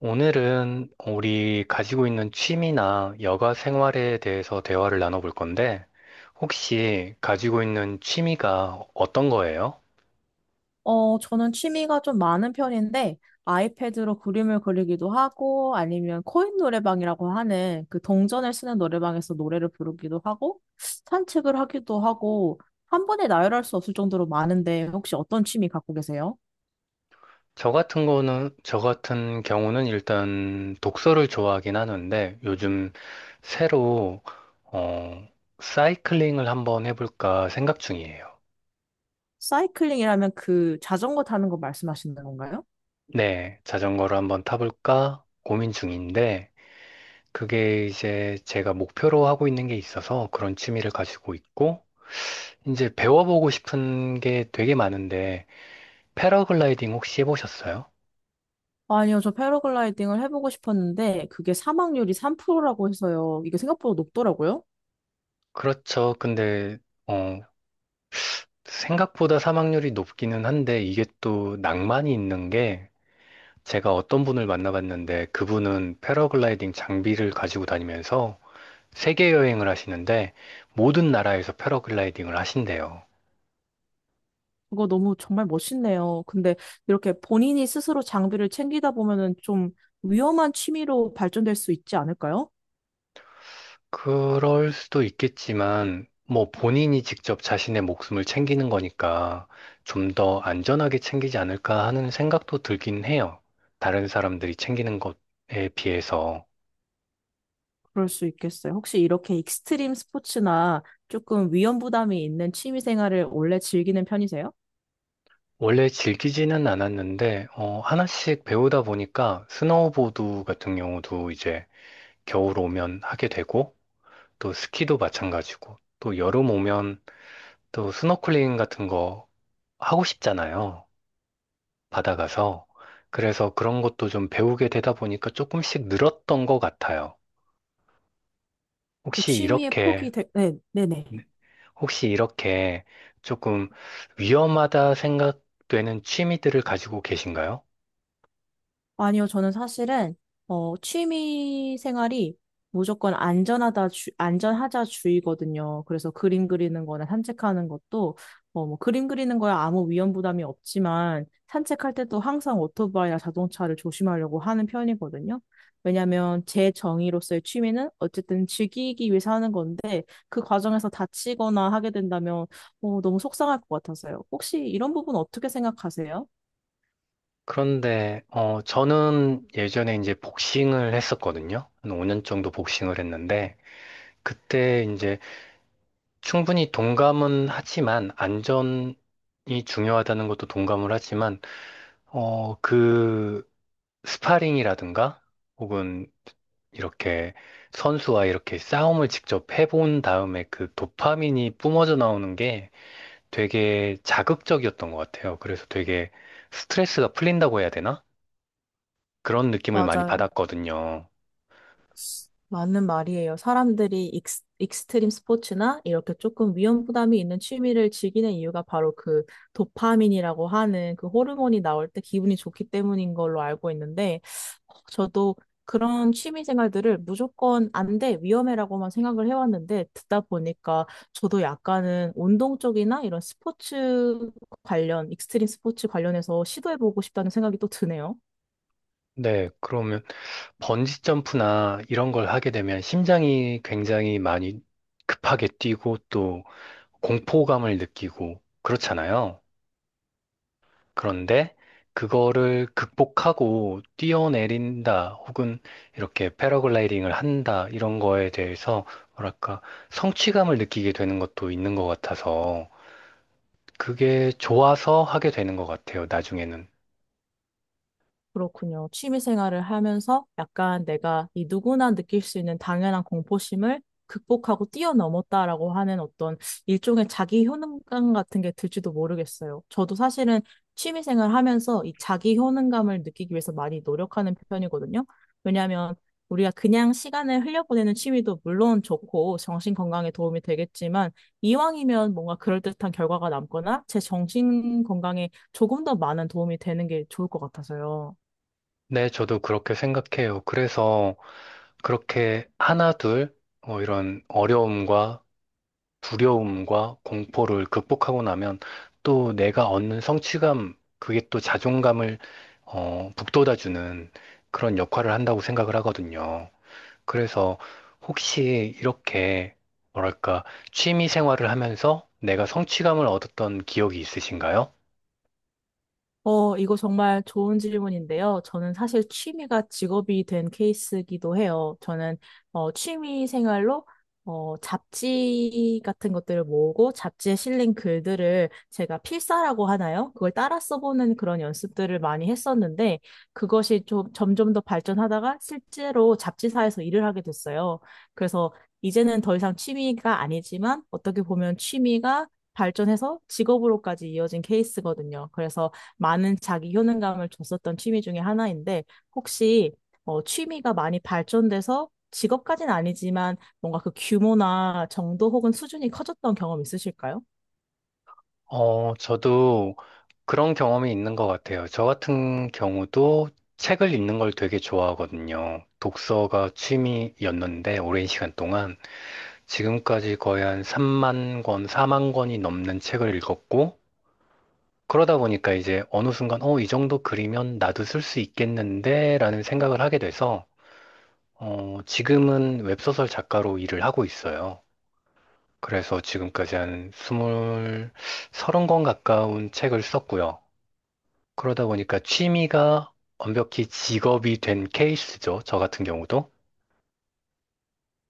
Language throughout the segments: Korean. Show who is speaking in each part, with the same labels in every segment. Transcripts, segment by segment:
Speaker 1: 오늘은 우리 가지고 있는 취미나 여가 생활에 대해서 대화를 나눠볼 건데, 혹시 가지고 있는 취미가 어떤 거예요?
Speaker 2: 저는 취미가 좀 많은 편인데, 아이패드로 그림을 그리기도 하고, 아니면 코인 노래방이라고 하는 그 동전을 쓰는 노래방에서 노래를 부르기도 하고, 산책을 하기도 하고, 한 번에 나열할 수 없을 정도로 많은데, 혹시 어떤 취미 갖고 계세요?
Speaker 1: 저 같은 경우는 일단 독서를 좋아하긴 하는데, 요즘 새로, 어, 사이클링을 한번 해볼까 생각 중이에요.
Speaker 2: 사이클링이라면 그 자전거 타는 거 말씀하시는 건가요?
Speaker 1: 네, 자전거를 한번 타볼까 고민 중인데, 그게 이제 제가 목표로 하고 있는 게 있어서 그런 취미를 가지고 있고, 이제 배워보고 싶은 게 되게 많은데, 패러글라이딩 혹시 해보셨어요?
Speaker 2: 아니요, 저 패러글라이딩을 해보고 싶었는데, 그게 사망률이 3%라고 해서요. 이게 생각보다 높더라고요.
Speaker 1: 그렇죠. 근데, 어, 생각보다 사망률이 높기는 한데, 이게 또 낭만이 있는 게, 제가 어떤 분을 만나봤는데, 그분은 패러글라이딩 장비를 가지고 다니면서 세계 여행을 하시는데, 모든 나라에서 패러글라이딩을 하신대요.
Speaker 2: 그거 너무 정말 멋있네요. 근데 이렇게 본인이 스스로 장비를 챙기다 보면은 좀 위험한 취미로 발전될 수 있지 않을까요?
Speaker 1: 그럴 수도 있겠지만, 뭐 본인이 직접 자신의 목숨을 챙기는 거니까 좀 더 안전하게 챙기지 않을까 하는 생각도 들긴 해요. 다른 사람들이 챙기는 것에 비해서.
Speaker 2: 그럴 수 있겠어요. 혹시 이렇게 익스트림 스포츠나 조금 위험 부담이 있는 취미 생활을 원래 즐기는 편이세요?
Speaker 1: 원래 즐기지는 않았는데, 어, 하나씩 배우다 보니까 스노우보드 같은 경우도 이제 겨울 오면 하게 되고, 또 스키도 마찬가지고, 또 여름 오면 또 스노클링 같은 거 하고 싶잖아요. 받아가서. 그래서 그런 것도 좀 배우게 되다 보니까 조금씩 늘었던 것 같아요.
Speaker 2: 그
Speaker 1: 혹시
Speaker 2: 취미의
Speaker 1: 이렇게,
Speaker 2: 폭이 네, 네네.
Speaker 1: 혹시 이렇게 조금 위험하다 생각되는 취미들을 가지고 계신가요?
Speaker 2: 아니요, 저는 사실은, 취미 생활이 무조건 안전하다, 안전하자 주의거든요. 그래서 그림 그리는 거나 산책하는 것도, 그림 그리는 거야 아무 위험 부담이 없지만, 산책할 때도 항상 오토바이나 자동차를 조심하려고 하는 편이거든요. 왜냐면 하제 정의로서의 취미는 어쨌든 즐기기 위해서 하는 건데, 그 과정에서 다치거나 하게 된다면, 너무 속상할 것 같아서요. 혹시 이런 부분 어떻게 생각하세요?
Speaker 1: 그런데, 저는 예전에 이제 복싱을 했었거든요. 한 5년 정도 복싱을 했는데, 그때 이제 충분히 동감은 하지만 안전이 중요하다는 것도 동감을 하지만 그 스파링이라든가 혹은 이렇게 선수와 이렇게 싸움을 직접 해본 다음에 그 도파민이 뿜어져 나오는 게 되게 자극적이었던 것 같아요. 그래서 되게 스트레스가 풀린다고 해야 되나? 그런 느낌을 많이
Speaker 2: 맞아요.
Speaker 1: 받았거든요.
Speaker 2: 맞는 말이에요. 사람들이 익스트림 스포츠나 이렇게 조금 위험 부담이 있는 취미를 즐기는 이유가 바로 그 도파민이라고 하는 그 호르몬이 나올 때 기분이 좋기 때문인 걸로 알고 있는데, 저도 그런 취미 생활들을 무조건 안 돼, 위험해라고만 생각을 해왔는데, 듣다 보니까 저도 약간은 운동 쪽이나 이런 스포츠 관련, 익스트림 스포츠 관련해서 시도해보고 싶다는 생각이 또 드네요.
Speaker 1: 네, 그러면 번지 점프나 이런 걸 하게 되면 심장이 굉장히 많이 급하게 뛰고 또 공포감을 느끼고 그렇잖아요. 그런데 그거를 극복하고 뛰어내린다 혹은 이렇게 패러글라이딩을 한다 이런 거에 대해서 뭐랄까 성취감을 느끼게 되는 것도 있는 것 같아서 그게 좋아서 하게 되는 것 같아요, 나중에는.
Speaker 2: 그렇군요. 취미 생활을 하면서 약간 내가 이 누구나 느낄 수 있는 당연한 공포심을 극복하고 뛰어넘었다라고 하는 어떤 일종의 자기 효능감 같은 게 들지도 모르겠어요. 저도 사실은 취미 생활 하면서 이 자기 효능감을 느끼기 위해서 많이 노력하는 편이거든요. 왜냐하면 우리가 그냥 시간을 흘려보내는 취미도 물론 좋고 정신 건강에 도움이 되겠지만 이왕이면 뭔가 그럴듯한 결과가 남거나 제 정신 건강에 조금 더 많은 도움이 되는 게 좋을 것 같아서요.
Speaker 1: 네, 저도 그렇게 생각해요. 그래서 그렇게 하나, 둘, 이런 어려움과 두려움과 공포를 극복하고 나면 또 내가 얻는 성취감, 그게 또 자존감을 북돋아주는 그런 역할을 한다고 생각을 하거든요. 그래서 혹시 이렇게 뭐랄까 취미 생활을 하면서 내가 성취감을 얻었던 기억이 있으신가요?
Speaker 2: 이거 정말 좋은 질문인데요. 저는 사실 취미가 직업이 된 케이스이기도 해요. 저는 취미 생활로 잡지 같은 것들을 모으고 잡지에 실린 글들을 제가 필사라고 하나요? 그걸 따라 써보는 그런 연습들을 많이 했었는데 그것이 좀 점점 더 발전하다가 실제로 잡지사에서 일을 하게 됐어요. 그래서 이제는 더 이상 취미가 아니지만 어떻게 보면 취미가 발전해서 직업으로까지 이어진 케이스거든요. 그래서 많은 자기 효능감을 줬었던 취미 중에 하나인데 혹시 취미가 많이 발전돼서 직업까지는 아니지만 뭔가 그 규모나 정도 혹은 수준이 커졌던 경험 있으실까요?
Speaker 1: 저도 그런 경험이 있는 것 같아요. 저 같은 경우도 책을 읽는 걸 되게 좋아하거든요. 독서가 취미였는데 오랜 시간 동안 지금까지 거의 한 3만 권, 4만 권이 넘는 책을 읽었고, 그러다 보니까 이제 어느 순간, 어, 이 정도 그리면 나도 쓸 수 있겠는데? 라는 생각을 하게 돼서, 지금은 웹소설 작가로 일을 하고 있어요. 그래서 지금까지 한 스물, 서른 권 가까운 책을 썼고요. 그러다 보니까 취미가 완벽히 직업이 된 케이스죠. 저 같은 경우도.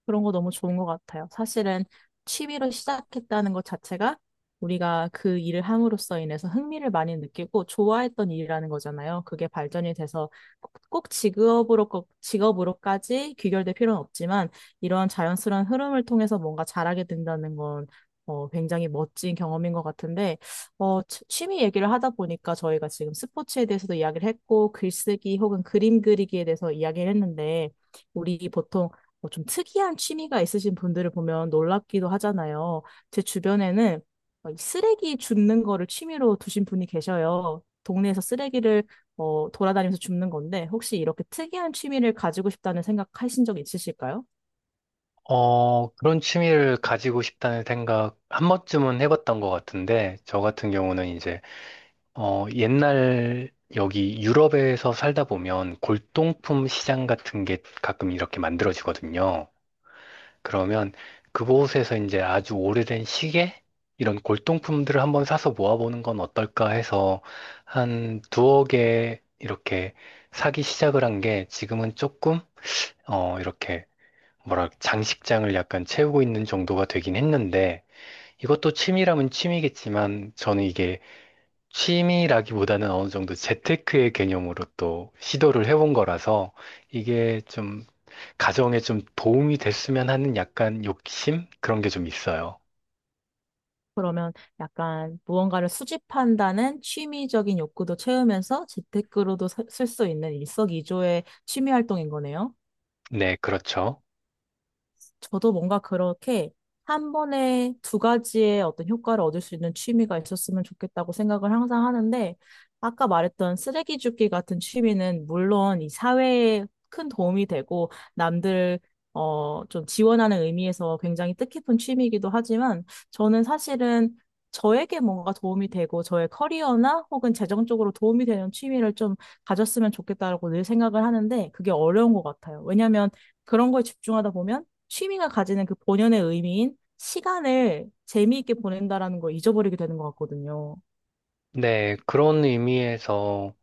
Speaker 2: 그런 거 너무 좋은 것 같아요. 사실은 취미로 시작했다는 것 자체가 우리가 그 일을 함으로써 인해서 흥미를 많이 느끼고 좋아했던 일이라는 거잖아요. 그게 발전이 돼서 꼭 직업으로까지 귀결될 필요는 없지만 이러한 자연스러운 흐름을 통해서 뭔가 잘하게 된다는 건 굉장히 멋진 경험인 것 같은데, 취미 얘기를 하다 보니까 저희가 지금 스포츠에 대해서도 이야기를 했고, 글쓰기 혹은 그림 그리기에 대해서 이야기를 했는데, 우리 보통 뭐 좀 특이한 취미가 있으신 분들을 보면 놀랍기도 하잖아요. 제 주변에는 이 쓰레기 줍는 거를 취미로 두신 분이 계셔요. 동네에서 쓰레기를 돌아다니면서 줍는 건데 혹시 이렇게 특이한 취미를 가지고 싶다는 생각하신 적 있으실까요?
Speaker 1: 어, 그런 취미를 가지고 싶다는 생각 한 번쯤은 해봤던 것 같은데, 저 같은 경우는 이제, 옛날 여기 유럽에서 살다 보면 골동품 시장 같은 게 가끔 이렇게 만들어지거든요. 그러면 그곳에서 이제 아주 오래된 시계? 이런 골동품들을 한번 사서 모아보는 건 어떨까 해서 한 두어 개 이렇게 사기 시작을 한 게 지금은 조금, 이렇게 뭐라 장식장을 약간 채우고 있는 정도가 되긴 했는데 이것도 취미라면 취미겠지만 저는 이게 취미라기보다는 어느 정도 재테크의 개념으로 또 시도를 해본 거라서 이게 좀 가정에 좀 도움이 됐으면 하는 약간 욕심? 그런 게 좀 있어요.
Speaker 2: 그러면 약간 무언가를 수집한다는 취미적인 욕구도 채우면서 재테크로도 쓸 수 있는 일석이조의 취미 활동인 거네요.
Speaker 1: 네, 그렇죠.
Speaker 2: 저도 뭔가 그렇게 한 번에 두 가지의 어떤 효과를 얻을 수 있는 취미가 있었으면 좋겠다고 생각을 항상 하는데, 아까 말했던 쓰레기 줍기 같은 취미는 물론 이 사회에 큰 도움이 되고, 좀 지원하는 의미에서 굉장히 뜻깊은 취미이기도 하지만, 저는 사실은 저에게 뭔가 도움이 되고, 저의 커리어나 혹은 재정적으로 도움이 되는 취미를 좀 가졌으면 좋겠다라고 늘 생각을 하는데, 그게 어려운 것 같아요. 왜냐면, 하 그런 거에 집중하다 보면 취미가 가지는 그 본연의 의미인 시간을 재미있게 보낸다라는 걸 잊어버리게 되는 것 같거든요.
Speaker 1: 네, 그런 의미에서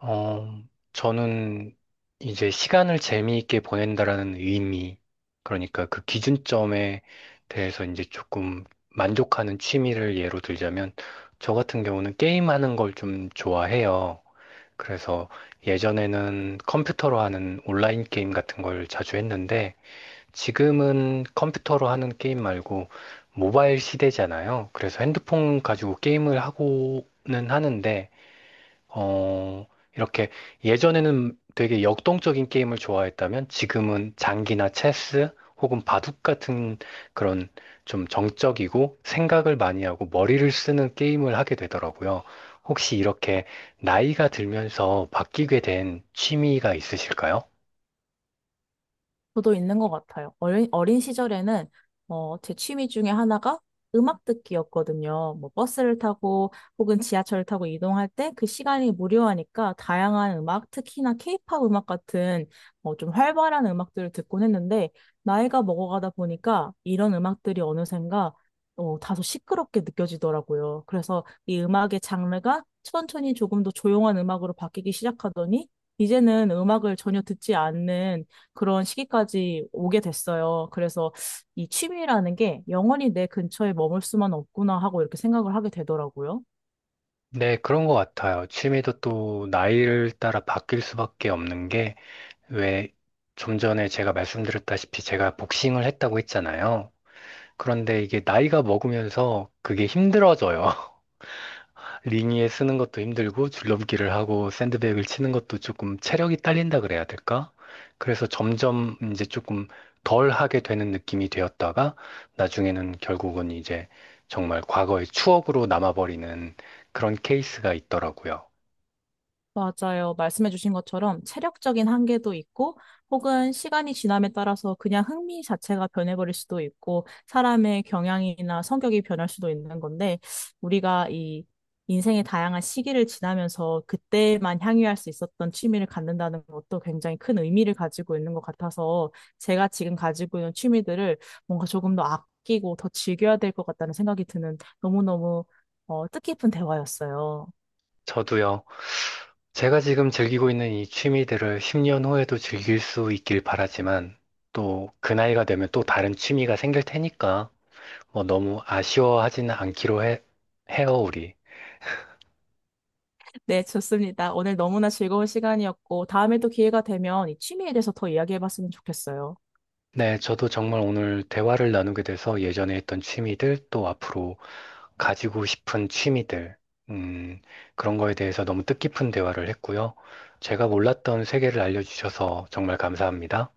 Speaker 1: 어, 저는 이제 시간을 재미있게 보낸다라는 의미, 그러니까 그 기준점에 대해서 이제 조금 만족하는 취미를 예로 들자면, 저 같은 경우는 게임하는 걸 좀 좋아해요. 그래서 예전에는 컴퓨터로 하는 온라인 게임 같은 걸 자주 했는데, 지금은 컴퓨터로 하는 게임 말고 모바일 시대잖아요. 그래서 핸드폰 가지고 게임을 하고는 하는데, 어, 이렇게 예전에는 되게 역동적인 게임을 좋아했다면 지금은 장기나 체스 혹은 바둑 같은 그런 좀 정적이고 생각을 많이 하고 머리를 쓰는 게임을 하게 되더라고요. 혹시 이렇게 나이가 들면서 바뀌게 된 취미가 있으실까요?
Speaker 2: 저도 있는 것 같아요. 어린 시절에는 제 취미 중에 하나가 음악 듣기였거든요. 뭐 버스를 타고 혹은 지하철을 타고 이동할 때 그 시간이 무료하니까 다양한 음악, 특히나 케이팝 음악 같은 좀 활발한 음악들을 듣곤 했는데 나이가 먹어가다 보니까 이런 음악들이 어느샌가 다소 시끄럽게 느껴지더라고요. 그래서 이 음악의 장르가 천천히 조금 더 조용한 음악으로 바뀌기 시작하더니 이제는 음악을 전혀 듣지 않는 그런 시기까지 오게 됐어요. 그래서 이 취미라는 게 영원히 내 근처에 머물 수만 없구나 하고 이렇게 생각을 하게 되더라고요.
Speaker 1: 네, 그런 것 같아요. 취미도 또 나이를 따라 바뀔 수밖에 없는 게 왜 좀 전에 제가 말씀드렸다시피 제가 복싱을 했다고 했잖아요. 그런데 이게 나이가 먹으면서 그게 힘들어져요. 링니에 쓰는 것도 힘들고 줄넘기를 하고 샌드백을 치는 것도 조금 체력이 딸린다 그래야 될까? 그래서 점점 이제 조금 덜 하게 되는 느낌이 되었다가 나중에는 결국은 이제 정말 과거의 추억으로 남아버리는 그런 케이스가 있더라고요.
Speaker 2: 맞아요. 말씀해주신 것처럼 체력적인 한계도 있고, 혹은 시간이 지남에 따라서 그냥 흥미 자체가 변해버릴 수도 있고, 사람의 경향이나 성격이 변할 수도 있는 건데, 우리가 이 인생의 다양한 시기를 지나면서 그때만 향유할 수 있었던 취미를 갖는다는 것도 굉장히 큰 의미를 가지고 있는 것 같아서, 제가 지금 가지고 있는 취미들을 뭔가 조금 더 아끼고 더 즐겨야 될 것 같다는 생각이 드는 너무너무 뜻깊은 대화였어요.
Speaker 1: 저도요. 제가 지금 즐기고 있는 이 취미들을 10년 후에도 즐길 수 있길 바라지만 또 그 나이가 되면 또 다른 취미가 생길 테니까 너무 아쉬워하지는 않기로 해요, 우리.
Speaker 2: 네, 좋습니다. 오늘 너무나 즐거운 시간이었고, 다음에 또 기회가 되면 이 취미에 대해서 더 이야기해봤으면 좋겠어요.
Speaker 1: 네, 저도 정말 오늘 대화를 나누게 돼서 예전에 했던 취미들, 또 앞으로 가지고 싶은 취미들, 음, 그런 거에 대해서 너무 뜻깊은 대화를 했고요. 제가 몰랐던 세계를 알려주셔서 정말 감사합니다.